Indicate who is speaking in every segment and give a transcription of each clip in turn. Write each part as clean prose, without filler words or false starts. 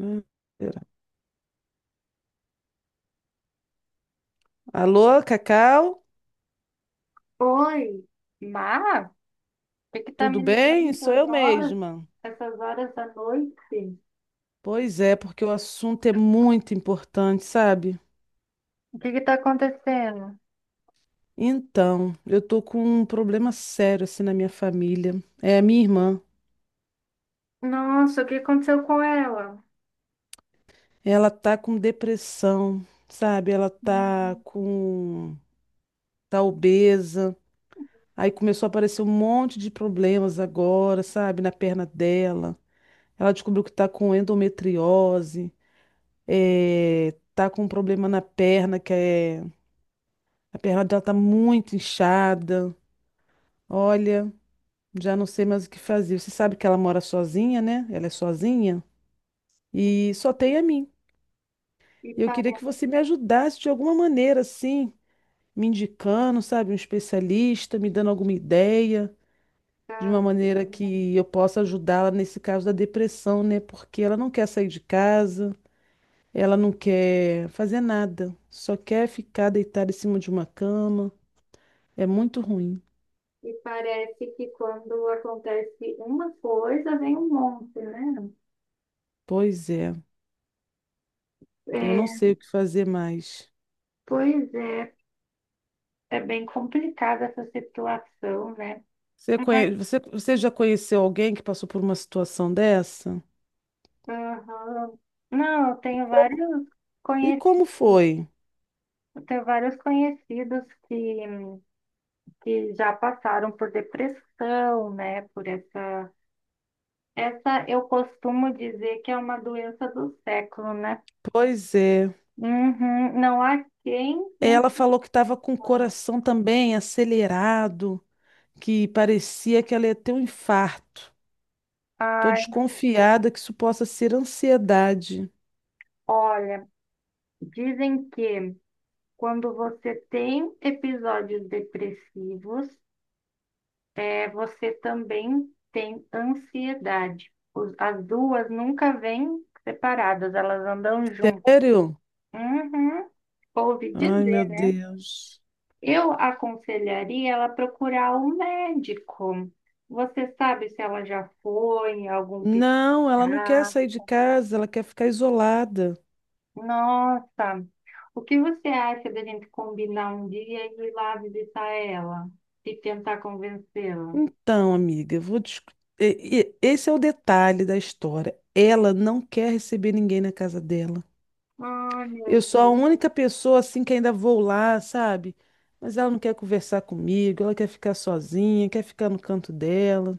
Speaker 1: Ah, pera. Alô, Cacau?
Speaker 2: Oi, Mar, por que que tá
Speaker 1: Tudo
Speaker 2: me
Speaker 1: bem?
Speaker 2: ligando
Speaker 1: Sou eu mesma.
Speaker 2: essas horas da noite?
Speaker 1: Pois é, porque o assunto é muito importante, sabe?
Speaker 2: O que que tá acontecendo?
Speaker 1: Então, eu tô com um problema sério assim na minha família. É a minha irmã.
Speaker 2: Nossa, o que aconteceu com ela?
Speaker 1: Ela tá com depressão, sabe? Ela tá
Speaker 2: Hum.
Speaker 1: com Tá obesa. Aí começou a aparecer um monte de problemas agora, sabe? Na perna dela. Ela descobriu que tá com endometriose, tá com um problema na perna que é A perna dela tá muito inchada. Olha, já não sei mais o que fazer. Você sabe que ela mora sozinha, né? Ela é sozinha e só tem a mim.
Speaker 2: E
Speaker 1: E eu queria que
Speaker 2: parece,
Speaker 1: você me ajudasse de alguma maneira, assim, me indicando, sabe, um especialista, me dando alguma ideia, de uma maneira que eu possa ajudá-la nesse caso da depressão, né? Porque ela não quer sair de casa, ela não quer fazer nada, só quer ficar deitada em cima de uma cama. É muito ruim.
Speaker 2: e parece que quando acontece uma coisa, vem um monte, né?
Speaker 1: Pois é. Eu
Speaker 2: É,
Speaker 1: não sei o que fazer mais.
Speaker 2: pois é, é bem complicada essa situação, né?
Speaker 1: Você,
Speaker 2: Mas,
Speaker 1: conhe... você, você já conheceu alguém que passou por uma situação dessa?
Speaker 2: aham. Não, eu
Speaker 1: E
Speaker 2: tenho
Speaker 1: como,
Speaker 2: vários
Speaker 1: e
Speaker 2: conhecidos.
Speaker 1: como foi?
Speaker 2: Tem vários que já passaram por depressão, né? Por essa. Essa eu costumo dizer que é uma doença do século, né?
Speaker 1: Pois é.
Speaker 2: Uhum, não há quem. Não
Speaker 1: Ela falou que estava com o
Speaker 2: fale.
Speaker 1: coração também acelerado, que parecia que ela ia ter um infarto. Estou
Speaker 2: Ai,
Speaker 1: desconfiada que isso possa ser ansiedade.
Speaker 2: olha, dizem que quando você tem episódios depressivos, você também tem ansiedade. As duas nunca vêm separadas, elas andam juntas.
Speaker 1: Sério?
Speaker 2: Uhum, ouvi
Speaker 1: Ai, meu
Speaker 2: dizer.
Speaker 1: Deus.
Speaker 2: Eu aconselharia ela procurar um médico. Você sabe se ela já foi, em algum
Speaker 1: Não, ela não quer
Speaker 2: psiquiatra?
Speaker 1: sair de casa, ela quer ficar isolada.
Speaker 2: Nossa, o que você acha da gente combinar um dia e ir lá visitar ela e tentar convencê-la?
Speaker 1: Então, amiga, eu vou discu- e- Esse é o detalhe da história. Ela não quer receber ninguém na casa dela.
Speaker 2: Ai, meu
Speaker 1: Eu sou a
Speaker 2: Deus,
Speaker 1: única pessoa assim que ainda vou lá, sabe? Mas ela não quer conversar comigo, ela quer ficar sozinha, quer ficar no canto dela.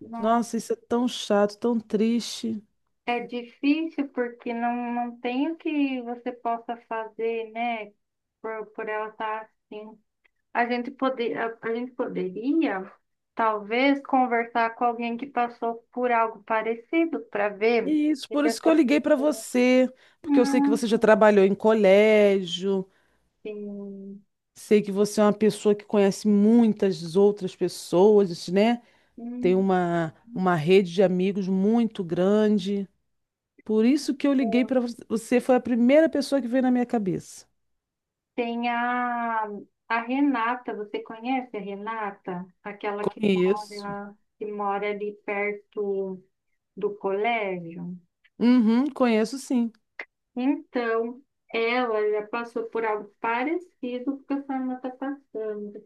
Speaker 2: não.
Speaker 1: Nossa, isso é tão chato, tão triste.
Speaker 2: É difícil porque não tem o que você possa fazer, né? Por ela estar assim. A gente poderia, talvez, conversar com alguém que passou por algo parecido para ver
Speaker 1: E isso,
Speaker 2: se
Speaker 1: por isso que
Speaker 2: essa
Speaker 1: eu liguei para
Speaker 2: pessoa.
Speaker 1: você, porque eu sei que
Speaker 2: Hum,
Speaker 1: você já trabalhou em colégio, sei que você é uma pessoa que conhece muitas outras pessoas, né? Tem
Speaker 2: hum.
Speaker 1: uma rede de amigos muito grande. Por isso que eu liguei para você, foi a primeira pessoa que veio na minha cabeça.
Speaker 2: Tem a Renata. Você conhece a Renata? Aquela que
Speaker 1: Conheço.
Speaker 2: mora, que mora ali perto do colégio?
Speaker 1: Uhum, conheço sim.
Speaker 2: Então, ela já passou por algo parecido que a sua irmã está passando.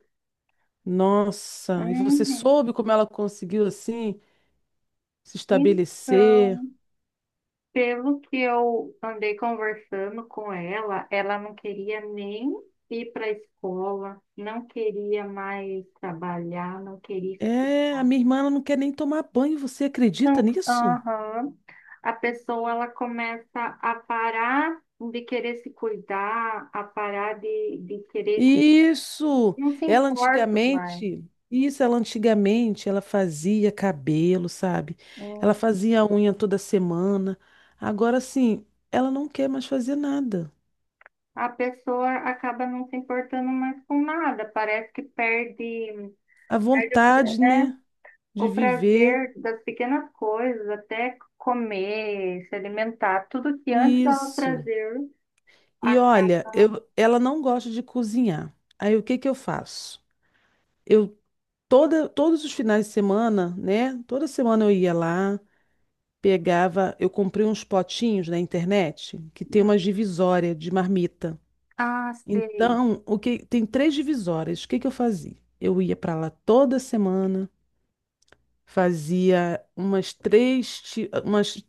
Speaker 1: Nossa, e você
Speaker 2: Uhum.
Speaker 1: soube como ela conseguiu assim se estabelecer?
Speaker 2: Então, pelo que eu andei conversando com ela, ela não queria nem ir para a escola, não queria mais trabalhar,
Speaker 1: É, a minha irmã ela não quer nem tomar banho, você acredita
Speaker 2: Não,
Speaker 1: nisso?
Speaker 2: aham. A pessoa ela começa a parar de querer se cuidar, a parar de querer.
Speaker 1: Isso,
Speaker 2: Não se
Speaker 1: ela
Speaker 2: importa mais.
Speaker 1: antigamente, isso, ela antigamente, ela fazia cabelo, sabe?
Speaker 2: Hum.
Speaker 1: Ela fazia unha toda semana. Agora sim, ela não quer mais fazer nada.
Speaker 2: A pessoa acaba não se importando mais com nada, parece que
Speaker 1: A
Speaker 2: perde
Speaker 1: vontade, né, de
Speaker 2: o
Speaker 1: viver,
Speaker 2: prazer das pequenas coisas, até comer, se alimentar, tudo que antes dava
Speaker 1: isso.
Speaker 2: prazer,
Speaker 1: E olha,
Speaker 2: acaba.
Speaker 1: eu, ela não gosta de cozinhar. Aí o que que eu faço? Eu todos os finais de semana, né? Toda semana eu ia lá. Pegava, eu comprei uns potinhos na internet que tem
Speaker 2: Hum,
Speaker 1: uma divisória de marmita.
Speaker 2: Ah, sei.
Speaker 1: Então, o que tem três divisórias. O que que eu fazia? Eu ia para lá toda semana, fazia umas três, ti- umas,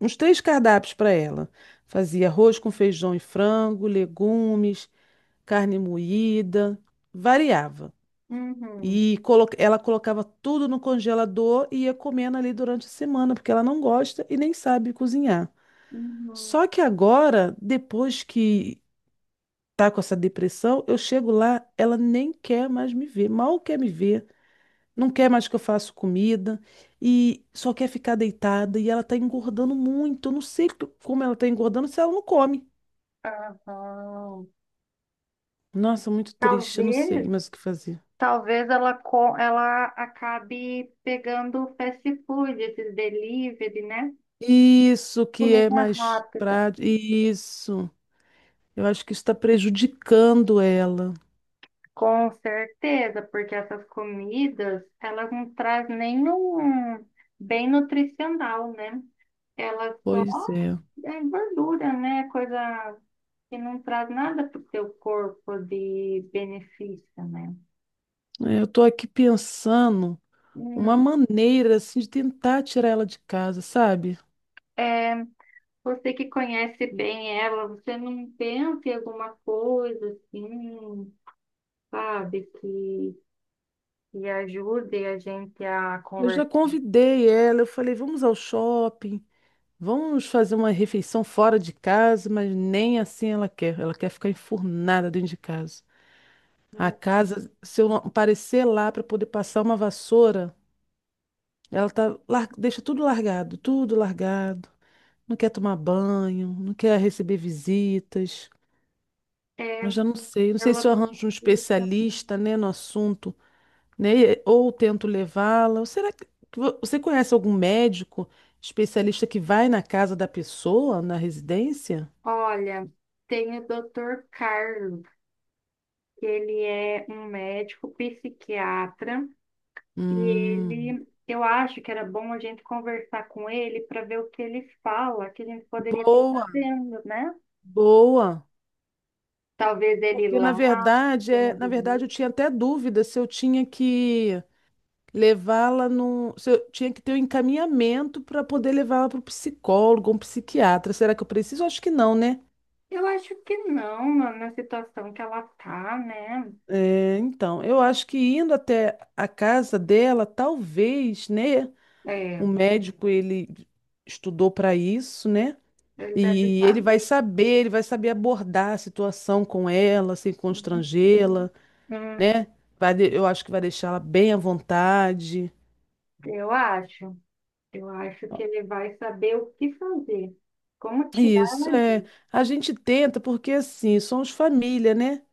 Speaker 1: uns três cardápios para ela. Fazia arroz com feijão e frango, legumes, carne moída, variava.
Speaker 2: Uhum,
Speaker 1: Ela colocava tudo no congelador e ia comendo ali durante a semana, porque ela não gosta e nem sabe cozinhar.
Speaker 2: uhum,
Speaker 1: Só que agora, depois que tá com essa depressão, eu chego lá, ela nem quer mais me ver, mal quer me ver, não quer mais que eu faça comida e só quer ficar deitada e ela tá engordando muito. Eu não sei como ela tá engordando se ela não come.
Speaker 2: aham.
Speaker 1: Nossa, muito triste, eu não sei
Speaker 2: Talvez,
Speaker 1: mais o que fazer.
Speaker 2: talvez ela acabe pegando fast food, esses delivery, né?
Speaker 1: Isso que é
Speaker 2: Comida
Speaker 1: mais
Speaker 2: rápida.
Speaker 1: prático. Isso. Eu acho que isso está prejudicando ela.
Speaker 2: Com certeza, porque essas comidas, elas não trazem nenhum bem nutricional, né? Elas só
Speaker 1: Pois é.
Speaker 2: é gordura, né? Coisa que não traz nada para o seu corpo de benefício, né?
Speaker 1: É, eu tô aqui pensando uma
Speaker 2: Hum,
Speaker 1: maneira assim de tentar tirar ela de casa, sabe?
Speaker 2: é, você que conhece bem ela, você não pensa em alguma coisa assim, sabe, que ajude a gente a
Speaker 1: Eu já
Speaker 2: conversar?
Speaker 1: convidei ela, eu falei, vamos ao shopping, vamos fazer uma refeição fora de casa, mas nem assim ela quer. Ela quer ficar enfurnada dentro de casa. A casa, se eu não aparecer lá para poder passar uma vassoura, ela tá, lar- deixa tudo largado, tudo largado. Não quer tomar banho, não quer receber visitas. Eu
Speaker 2: É,
Speaker 1: já não sei, não sei
Speaker 2: ela.
Speaker 1: se eu arranjo um especialista, né, no assunto, né? E- ou tento levá-la. Ou será que você conhece algum médico especialista que vai na casa da pessoa, na residência?
Speaker 2: Olha, tem o Dr. Carlos, que ele é um médico psiquiatra, e
Speaker 1: Hum,
Speaker 2: ele, eu acho que era bom a gente conversar com ele para ver o que ele fala, que a gente poderia estar
Speaker 1: boa,
Speaker 2: fazendo, né?
Speaker 1: boa.
Speaker 2: Talvez ele ir
Speaker 1: Porque na
Speaker 2: lá,
Speaker 1: verdade,
Speaker 2: ter uma
Speaker 1: na verdade eu
Speaker 2: visita.
Speaker 1: tinha até dúvida se eu tinha que levá-la num, se eu tinha que ter um encaminhamento para poder levá-la para o psicólogo, um psiquiatra. Será que eu preciso? Acho que não, né?
Speaker 2: Eu acho que não, na situação que ela tá, né?
Speaker 1: É, então, eu acho que indo até a casa dela, talvez, né? O
Speaker 2: É,
Speaker 1: médico, ele estudou para isso, né?
Speaker 2: ele deve
Speaker 1: E
Speaker 2: saber.
Speaker 1: ele vai saber abordar a situação com ela, sem
Speaker 2: Uhum.
Speaker 1: constrangê-la,
Speaker 2: Hum,
Speaker 1: né? Vai, eu acho que vai deixar ela bem à vontade.
Speaker 2: eu acho, eu acho que ele vai saber o que fazer, como tirar
Speaker 1: Isso,
Speaker 2: ela
Speaker 1: é.
Speaker 2: disso.
Speaker 1: A gente tenta, porque assim, somos família, né?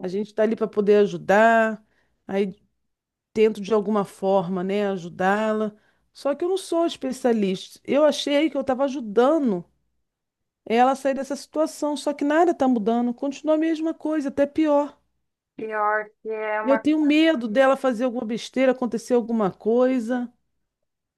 Speaker 1: A gente está ali para poder ajudar, aí tento de alguma forma, né, ajudá-la. Só que eu não sou especialista. Eu achei que eu estava ajudando é ela sair dessa situação, só que nada está mudando, continua a mesma coisa, até pior.
Speaker 2: Pior que é
Speaker 1: E eu
Speaker 2: uma
Speaker 1: tenho medo dela fazer alguma besteira, acontecer alguma coisa,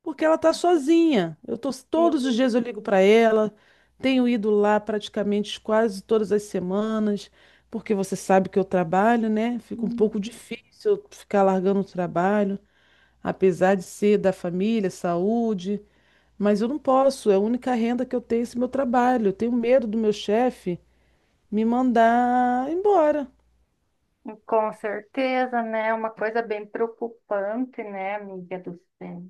Speaker 1: porque
Speaker 2: coisa
Speaker 1: ela está sozinha. Eu tô
Speaker 2: que,
Speaker 1: todos os dias eu ligo para ela, tenho ido lá praticamente quase todas as semanas, porque você sabe que eu trabalho, né? Fica um
Speaker 2: hum,
Speaker 1: pouco difícil eu ficar largando o trabalho, apesar de ser da família, saúde, mas eu não posso, é a única renda que eu tenho esse meu trabalho. Eu tenho medo do meu chefe me mandar embora.
Speaker 2: com certeza, né? Uma coisa bem preocupante, né, amiga do céu?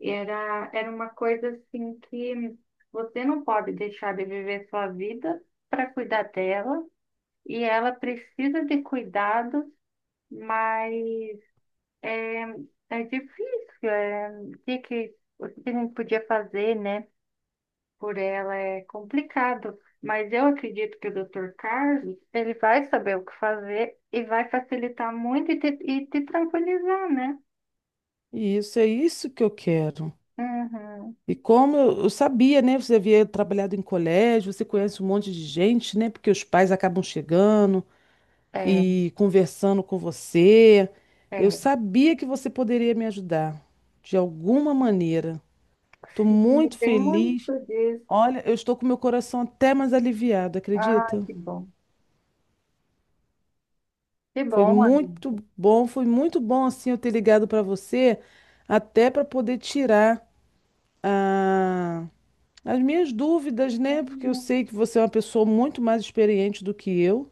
Speaker 2: Era uma coisa assim que você não pode deixar de viver sua vida para cuidar dela, e ela precisa de cuidados, mas é, é difícil. É, o que que a gente podia fazer, né? Por ela é complicado, mas eu acredito que o Dr. Carlos, ele vai saber o que fazer e vai facilitar muito e te tranquilizar, né?
Speaker 1: E isso é isso que eu quero.
Speaker 2: Uhum.
Speaker 1: E como eu sabia, né? Você havia trabalhado em colégio, você conhece um monte de gente, né? Porque os pais acabam chegando
Speaker 2: É,
Speaker 1: e conversando com você. Eu
Speaker 2: é.
Speaker 1: sabia que você poderia me ajudar de alguma maneira. Estou
Speaker 2: Sim,
Speaker 1: muito
Speaker 2: tem
Speaker 1: feliz.
Speaker 2: muito disso.
Speaker 1: Olha, eu estou com meu coração até mais aliviado,
Speaker 2: Ah,
Speaker 1: acredita?
Speaker 2: que bom. Que bom, amiga.
Speaker 1: Foi muito bom assim eu ter ligado para você, até para poder tirar, ah, as minhas dúvidas, né? Porque eu sei
Speaker 2: Uhum.
Speaker 1: que você é uma pessoa muito mais experiente do que eu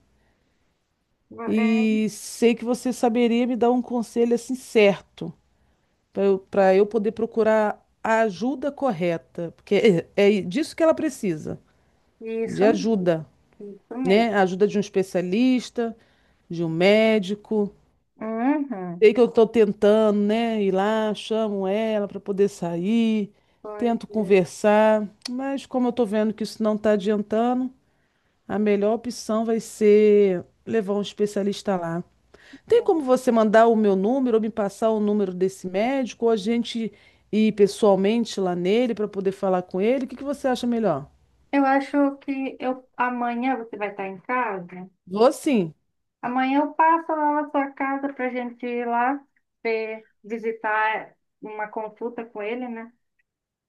Speaker 2: É,
Speaker 1: e sei que você saberia me dar um conselho assim certo para eu poder procurar a ajuda correta, porque é disso que ela precisa, de
Speaker 2: isso mesmo.
Speaker 1: ajuda,
Speaker 2: Isso mesmo.
Speaker 1: né? A ajuda de um especialista, de um médico.
Speaker 2: Uhum.
Speaker 1: Sei que eu estou tentando, né? Ir lá, chamo ela para poder sair,
Speaker 2: Pois
Speaker 1: tento
Speaker 2: é.
Speaker 1: conversar, mas como eu estou vendo que isso não está adiantando, a melhor opção vai ser levar um especialista lá. Tem como você mandar o meu número ou me passar o número desse médico ou a gente ir pessoalmente lá nele para poder falar com ele? O que que você acha melhor?
Speaker 2: Eu acho que eu, amanhã você vai estar em casa?
Speaker 1: Vou sim.
Speaker 2: Amanhã eu passo lá na sua casa para a gente ir lá visitar uma consulta com ele, né?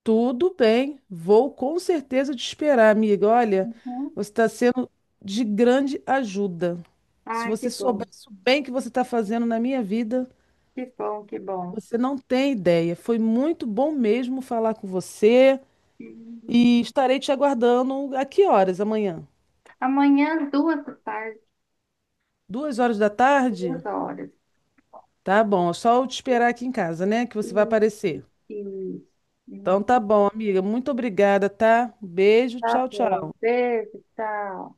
Speaker 1: Tudo bem. Vou com certeza te esperar, amiga. Olha,
Speaker 2: Uhum.
Speaker 1: você está sendo de grande ajuda. Se
Speaker 2: Ai, que
Speaker 1: você
Speaker 2: bom,
Speaker 1: soubesse o bem que você está fazendo na minha vida,
Speaker 2: que bom, que bom.
Speaker 1: você não tem ideia. Foi muito bom mesmo falar com você.
Speaker 2: Hum,
Speaker 1: E estarei te aguardando a que horas amanhã?
Speaker 2: Amanhã, duas da tarde,
Speaker 1: Duas horas da
Speaker 2: duas
Speaker 1: tarde?
Speaker 2: horas.
Speaker 1: Tá bom, é só eu te esperar aqui em casa, né? Que
Speaker 2: E,
Speaker 1: você vai aparecer.
Speaker 2: e,
Speaker 1: Então
Speaker 2: e,
Speaker 1: tá bom, amiga. Muito obrigada, tá? Beijo,
Speaker 2: tá
Speaker 1: tchau,
Speaker 2: bom,
Speaker 1: tchau.
Speaker 2: beijo, tchau.